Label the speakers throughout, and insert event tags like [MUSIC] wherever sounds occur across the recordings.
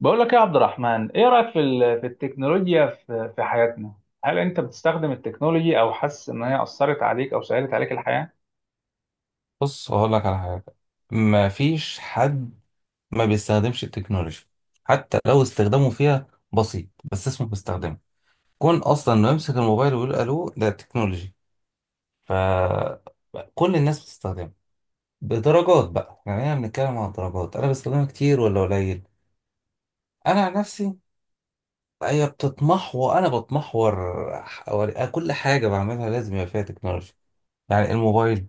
Speaker 1: بقول لك يا عبد الرحمن، ايه رايك في التكنولوجيا في حياتنا؟ هل انت بتستخدم التكنولوجي، او حاسس ان هي اثرت عليك او سهلت عليك الحياه؟
Speaker 2: بص هقول لك على حاجة. ما فيش حد ما بيستخدمش التكنولوجيا، حتى لو استخدامه فيها بسيط بس اسمه بيستخدمه. كون أصلا إنه يمسك الموبايل ويقول ألو ده تكنولوجي، فكل الناس بتستخدمه بدرجات بقى. يعني احنا بنتكلم عن درجات، أنا بستخدمها كتير ولا قليل. أنا عن نفسي هي بتتمحور، أنا بتمحور كل حاجة بعملها لازم يبقى فيها تكنولوجيا. يعني الموبايل،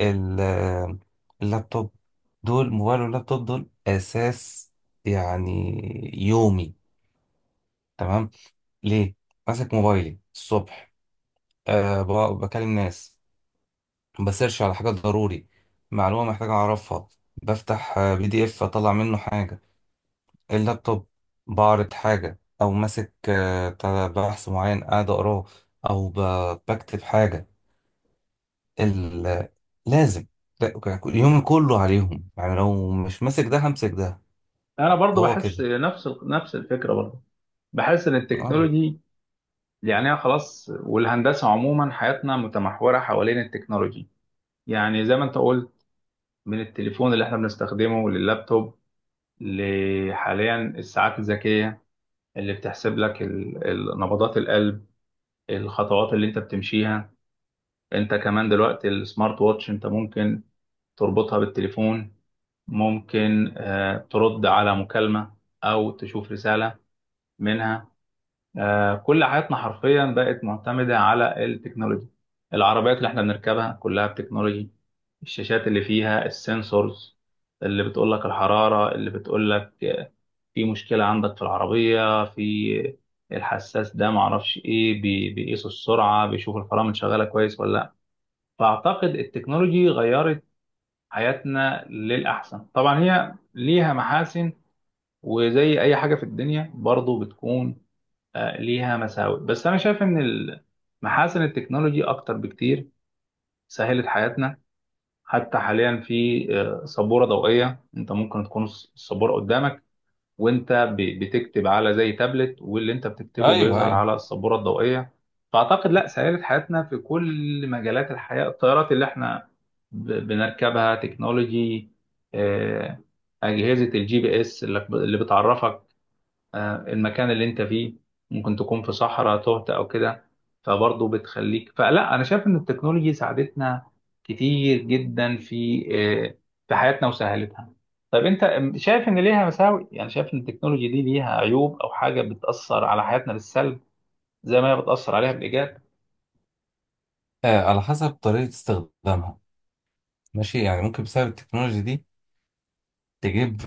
Speaker 2: ال- اللابتوب، دول موبايل واللابتوب دول اساس، يعني، يومي. تمام، ليه؟ ماسك موبايلي الصبح، أه، بكلم ناس، بسيرش على حاجة ضروري، معلومة محتاج اعرفها. بفتح PDF اطلع منه حاجة. اللابتوب، بعرض حاجة او ماسك بتاع ده، بحث معين قاعد اقراه، او بكتب حاجة. ال- لازم. ده- يومي كله عليهم، يعني لو مش ماسك ده همسك ده.
Speaker 1: انا برضو
Speaker 2: هو
Speaker 1: بحس
Speaker 2: كده.
Speaker 1: نفس الفكره، برضو بحس ان
Speaker 2: اه.
Speaker 1: التكنولوجي، يعني هي خلاص، والهندسه عموما، حياتنا متمحوره حوالين التكنولوجي. يعني زي ما انت قلت، من التليفون اللي احنا بنستخدمه لللابتوب، لحاليا الساعات الذكيه اللي بتحسب لك نبضات القلب، الخطوات اللي انت بتمشيها. انت كمان دلوقتي السمارت واتش انت ممكن تربطها بالتليفون، ممكن ترد على مكالمة او تشوف رسالة منها. كل حياتنا حرفيا بقت معتمدة على التكنولوجي. العربيات اللي احنا بنركبها كلها بتكنولوجي، الشاشات اللي فيها السنسورز اللي بتقول لك الحرارة، اللي بتقول لك في مشكلة عندك في العربية، في الحساس ده معرفش ايه، بيقيس السرعة، بيشوف الفرامل شغالة كويس ولا. فأعتقد التكنولوجي غيرت حياتنا للأحسن. طبعا هي ليها محاسن، وزي أي حاجة في الدنيا برضو بتكون ليها مساوئ، بس أنا شايف إن محاسن التكنولوجي أكتر بكتير، سهلت حياتنا. حتى حاليا في سبورة ضوئية، أنت ممكن تكون السبورة قدامك وانت بتكتب على زي تابلت، واللي انت بتكتبه
Speaker 2: ايوه،
Speaker 1: بيظهر
Speaker 2: ايوه.
Speaker 1: على السبوره الضوئيه. فاعتقد لا، سهلت حياتنا في كل مجالات الحياه. الطيارات اللي احنا بنركبها تكنولوجي، آه، اجهزه الجي بي اس اللي بتعرفك المكان اللي انت فيه، ممكن تكون في صحراء تهت او كده فبرضه بتخليك. فلا، انا شايف ان التكنولوجي ساعدتنا كتير جدا آه، في حياتنا وسهلتها. طيب انت شايف ان ليها مساوئ؟ يعني شايف ان التكنولوجي دي ليها عيوب او حاجة بتأثر على حياتنا بالسلب، زي ما هي بتأثر عليها بالإيجاب؟
Speaker 2: آه، على حسب طريقة استخدامها. ماشي، يعني ممكن بسبب التكنولوجيا دي تجيب،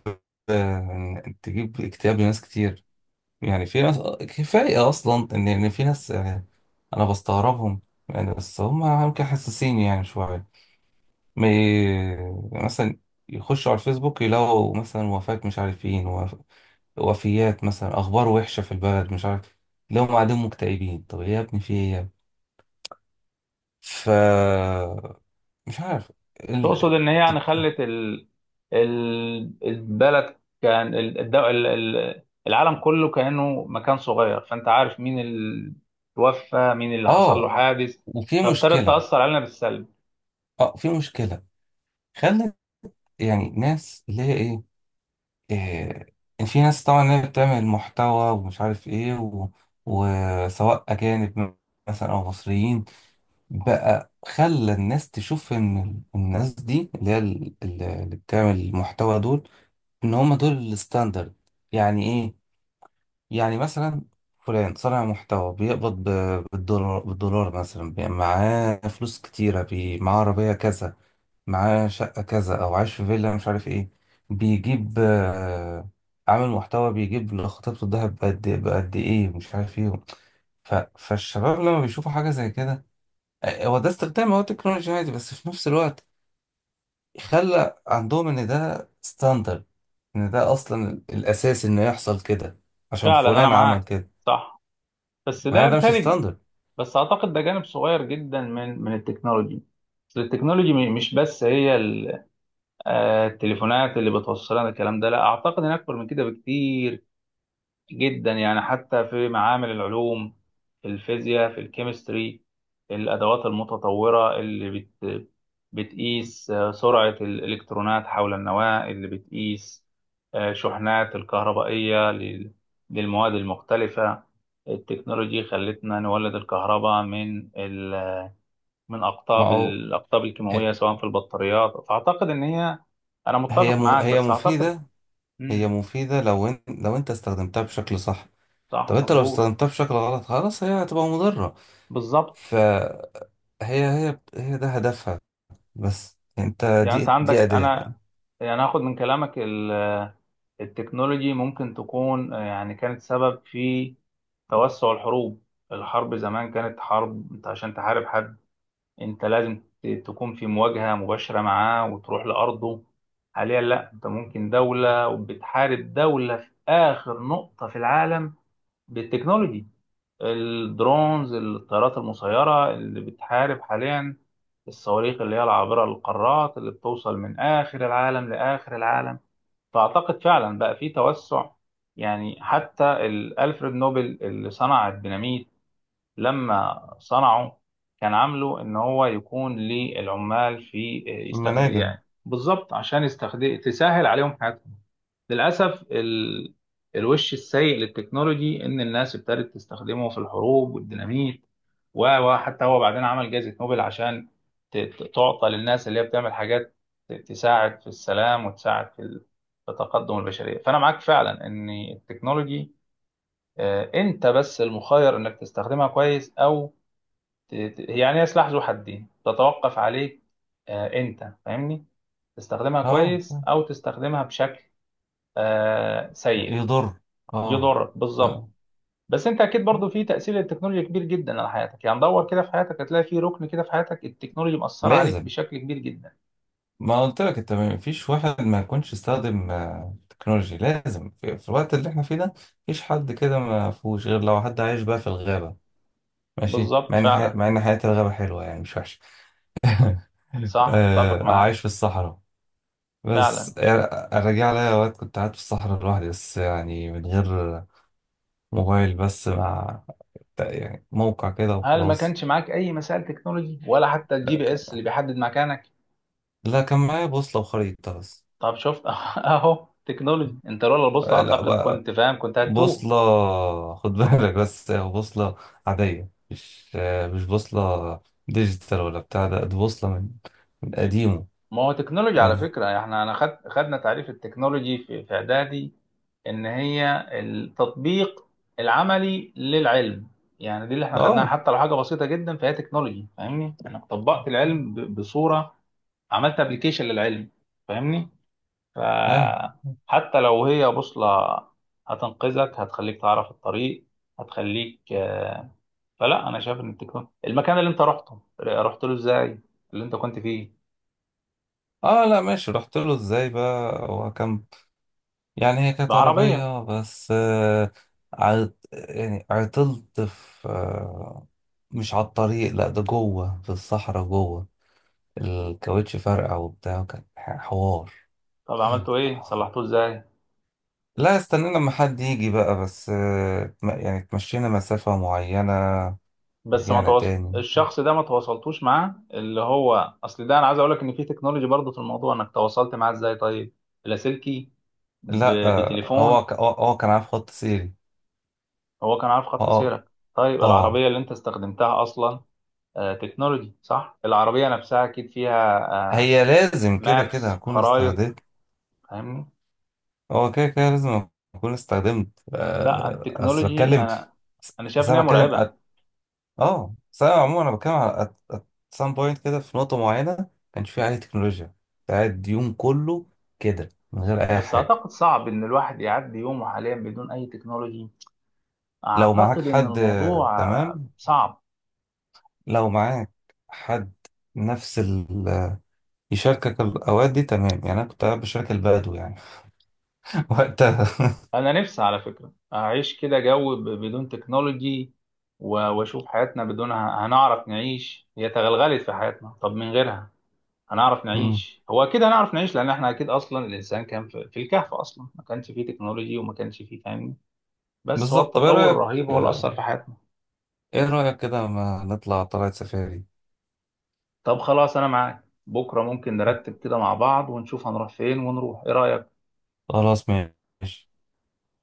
Speaker 2: آه، تجيب اكتئاب لناس كتير. يعني في ناس، آه، كفاية اصلا ان في ناس، آه، انا بستغربهم، يعني بس هم يمكن حساسين يعني شوية. ما ي- مثلا يخشوا على الفيسبوك يلاقوا مثلا وفاة مش عارفين، وفيات مثلا، اخبار وحشه في البلد مش عارف. لو هم قاعدين مكتئبين، طب ايه يا ابني، في ايه يا ابني؟ ف مش عارف
Speaker 1: تقصد
Speaker 2: ال...
Speaker 1: ان هي يعني
Speaker 2: تك...
Speaker 1: خلت البلد، كان ال... الد- ال... ال- العالم كله كانه مكان صغير، فانت عارف مين اللي توفى، مين اللي حصل له
Speaker 2: اه،
Speaker 1: حادث،
Speaker 2: وفي
Speaker 1: فابتدت
Speaker 2: مشكلة.
Speaker 1: تاثر علينا بالسلب.
Speaker 2: اه في مشكلة، خلت، يعني ناس اللي هي ايه، إيه... إن في ناس طبعا اللي هي بتعمل محتوى ومش عارف ايه وسواء أجانب مثلا أو مصريين، بقى خلى الناس تشوف إن الناس دي اللي هي اللي بتعمل المحتوى دول، إن هم دول الستاندرد. يعني إيه؟ يعني مثلا فلان صانع محتوى بيقبض بالدولار، بالدولار مثلا، معاه فلوس كتيرة، بي معاه عربية كذا، معاه شقة كذا، أو عايش في فيلا مش عارف إيه، بيجيب عامل محتوى بيجيب لخطيبته الدهب بقد بقد إيه مش عارف إيه. فالشباب لما بيشوفوا حاجة زي كده، آه، هو ده استخدام، هو تكنولوجي عادي، بس في نفس الوقت خلى عندهم إن ده ستاندرد، إن ده أصلا الأساس إنه يحصل كده عشان
Speaker 1: فعلا انا
Speaker 2: فلان عمل
Speaker 1: معاك،
Speaker 2: كده،
Speaker 1: صح، بس
Speaker 2: مع
Speaker 1: ده
Speaker 2: إن ده مش
Speaker 1: بيتهيألي،
Speaker 2: ستاندرد.
Speaker 1: بس اعتقد ده جانب صغير جدا من التكنولوجي. بس التكنولوجي مش بس هي التليفونات اللي بتوصل لنا الكلام ده، لا، اعتقد ان اكبر من كده بكتير جدا. يعني حتى في معامل العلوم، في الفيزياء، في الكيمستري، الأدوات المتطورة اللي بتقيس سرعة الإلكترونات حول النواة، اللي بتقيس شحنات الكهربائية للمواد المختلفة. التكنولوجي خلتنا نولد الكهرباء من
Speaker 2: ما هو،
Speaker 1: الأقطاب
Speaker 2: آه،
Speaker 1: الكيماوية سواء في البطاريات، فأعتقد إن هي. أنا متفق معاك
Speaker 2: هي
Speaker 1: بس أعتقد.
Speaker 2: مفيدة. هي
Speaker 1: مم.
Speaker 2: مفيدة لو لو انت استخدمتها بشكل صح.
Speaker 1: صح،
Speaker 2: طب انت لو
Speaker 1: مظبوط.
Speaker 2: استخدمتها بشكل غلط، خلاص هي هتبقى مضرة.
Speaker 1: بالظبط.
Speaker 2: فهي، هي ده هدفها، بس يعني انت،
Speaker 1: يعني
Speaker 2: دي
Speaker 1: انت
Speaker 2: دي
Speaker 1: عندك،
Speaker 2: أداة.
Speaker 1: انا يعني هاخد من كلامك، التكنولوجي ممكن تكون يعني كانت سبب في توسع الحروب. الحرب زمان كانت حرب، انت عشان تحارب حد انت لازم تكون في مواجهة مباشرة معاه وتروح لأرضه. حاليا لا، انت ممكن دولة وبتحارب دولة في آخر نقطة في العالم بالتكنولوجي، الدرونز، الطيارات المسيرة اللي بتحارب حاليا، الصواريخ اللي هي العابرة للقارات اللي بتوصل من آخر العالم لآخر العالم. فأعتقد فعلا بقى في توسع. يعني حتى ألفريد نوبل اللي صنع الديناميت، لما صنعه كان عامله إن هو يكون للعمال، في يستخدم،
Speaker 2: مناجم.
Speaker 1: يعني بالظبط، عشان يستخدم تسهل عليهم حياتهم. للأسف الوش السيء للتكنولوجي إن الناس ابتدت تستخدمه في الحروب والديناميت. و- وحتى هو بعدين عمل جائزة نوبل عشان تعطى للناس اللي هي بتعمل حاجات تساعد في السلام، وتساعد في تقدم البشرية. فأنا معاك فعلا إن التكنولوجي، أنت بس المخير إنك تستخدمها كويس أو يعني هي سلاح ذو حدين، تتوقف عليك. أنت فاهمني، تستخدمها
Speaker 2: اه،
Speaker 1: كويس أو تستخدمها بشكل سيء
Speaker 2: يضر. اه.
Speaker 1: يضرك،
Speaker 2: ف...
Speaker 1: بالظبط. بس انت اكيد برضو في تاثير التكنولوجيا كبير جدا على حياتك، يعني دور كده في حياتك هتلاقي في ركن كده في حياتك التكنولوجيا مأثره عليك
Speaker 2: لازم.
Speaker 1: بشكل كبير جدا.
Speaker 2: ما قلت لك، انت ما فيش واحد ما يكونش استخدم، آه، تكنولوجي لازم، في في الوقت اللي احنا فيه ده مفيش حد كده ما فيهوش، غير لو حد عايش بقى في الغابة. ماشي،
Speaker 1: بالظبط،
Speaker 2: مع ان
Speaker 1: فعلا.
Speaker 2: مع ان حياة الغابة حلوة، يعني مش وحشة. [LAUGHS]
Speaker 1: صح، اتفق
Speaker 2: آه،
Speaker 1: معاك،
Speaker 2: عايش في الصحراء،
Speaker 1: فعلا.
Speaker 2: بس يعني ارجع لي اوقات كنت قاعد في الصحراء لوحدي، بس يعني من غير موبايل، بس مع، يعني موقع كده
Speaker 1: هل ما
Speaker 2: وخلاص.
Speaker 1: كانش معاك اي مسائل تكنولوجي، ولا حتى الجي بي اس اللي بيحدد مكانك؟
Speaker 2: لا، كان معايا بوصلة وخريطة بس.
Speaker 1: طب شفت [LAUGHS] اهو تكنولوجي، انت لولا البوصله
Speaker 2: آه، لا
Speaker 1: اعتقد
Speaker 2: بقى،
Speaker 1: كنت فاهم، كنت هتوه.
Speaker 2: بوصلة. [LAUGHS] خد بالك، بس هي بوصلة عادية، مش آه، مش بوصلة ديجيتال ولا بتاع ده، دي بوصلة من من قديمه.
Speaker 1: ما هو تكنولوجي على فكره، احنا انا خدنا تعريف التكنولوجي في اعدادي، ان هي التطبيق العملي للعلم. يعني دي اللي احنا خدناها،
Speaker 2: اه،
Speaker 1: حتى لو حاجه بسيطه جدا فهي تكنولوجي، فاهمني، انا طبقت العلم بصوره، عملت ابلكيشن للعلم، فاهمني.
Speaker 2: فاهم.
Speaker 1: فحتى لو هي بوصله، هتنقذك، هتخليك تعرف الطريق، هتخليك فلا انا شايف ان التكنولوجيا. المكان اللي انت رحته، رحت له ازاي، اللي انت كنت فيه؟
Speaker 2: اه، لا ماشي، رحت له ازاي بقى، هو كان، يعني هي كانت
Speaker 1: بعربيه؟
Speaker 2: عربية بس آه، يعني عطلت في آه، مش على الطريق، لا ده جوه في الصحراء جوه. الكاوتش فرقع وبتاع، وكان حوار.
Speaker 1: طب عملته ايه، صلحته ازاي؟
Speaker 2: لا، استنينا لما حد يجي بقى، بس آه، يعني اتمشينا مسافة معينة
Speaker 1: بس ما
Speaker 2: ورجعنا
Speaker 1: تواصل
Speaker 2: تاني.
Speaker 1: الشخص ده، ما تواصلتوش معاه اللي هو، اصل ده انا عايز اقول لك ان في تكنولوجي برضه في الموضوع، انك تواصلت معاه ازاي، طيب. اللاسلكي؟ ب...
Speaker 2: لا آه،
Speaker 1: بتليفون؟
Speaker 2: هو كان عارف خط سيري.
Speaker 1: هو كان عارف خط
Speaker 2: اه.
Speaker 1: سيرك. طيب
Speaker 2: اه،
Speaker 1: العربيه اللي انت استخدمتها اصلا تكنولوجي صح، العربيه نفسها اكيد فيها
Speaker 2: هي لازم كده كده
Speaker 1: مابس
Speaker 2: هكون
Speaker 1: خرائط،
Speaker 2: استهديت.
Speaker 1: فاهمني.
Speaker 2: هو كده كده لازم اكون استخدمت،
Speaker 1: لا
Speaker 2: آه، بس
Speaker 1: التكنولوجي،
Speaker 2: بتكلم.
Speaker 1: انا شايف
Speaker 2: بس
Speaker 1: ان هي
Speaker 2: انا بتكلم
Speaker 1: مرعبه.
Speaker 2: اه، بس انا عموما انا بتكلم على at, at some point كده، في نقطة معينة كانش فيها عليه تكنولوجيا، كنت قاعد يوم كله كده من غير اي
Speaker 1: بس
Speaker 2: حاجة.
Speaker 1: اعتقد صعب ان الواحد يعدي يومه حاليا بدون اي تكنولوجي،
Speaker 2: لو معاك
Speaker 1: اعتقد ان
Speaker 2: حد، آه،
Speaker 1: الموضوع
Speaker 2: تمام.
Speaker 1: صعب.
Speaker 2: لو معاك حد نفس يشاركك الاوقات دي، تمام، يعني انا كنت قاعد بشارك البدو يعني. [LAUGHS] وقتها.
Speaker 1: انا نفسي على فكره اعيش كده جو بدون تكنولوجي، واشوف حياتنا بدونها، هنعرف نعيش؟ هي تغلغلت في حياتنا، طب من غيرها هنعرف
Speaker 2: مم.
Speaker 1: نعيش؟ هو اكيد هنعرف نعيش، لان احنا اكيد اصلا الانسان كان في الكهف اصلا، ما كانش فيه تكنولوجي، وما كانش فيه، فاهمني. بس هو
Speaker 2: بالظبط. طب ايه
Speaker 1: التطور
Speaker 2: رأيك،
Speaker 1: الرهيب هو اللي اثر
Speaker 2: آه،
Speaker 1: في حياتنا.
Speaker 2: ايه رأيك كده ما نطلع طلعت سفاري؟
Speaker 1: طب خلاص، انا معاك، بكره ممكن نرتب كده مع بعض، ونشوف هنروح فين، ونروح، ايه رايك؟
Speaker 2: خلاص، ماشي.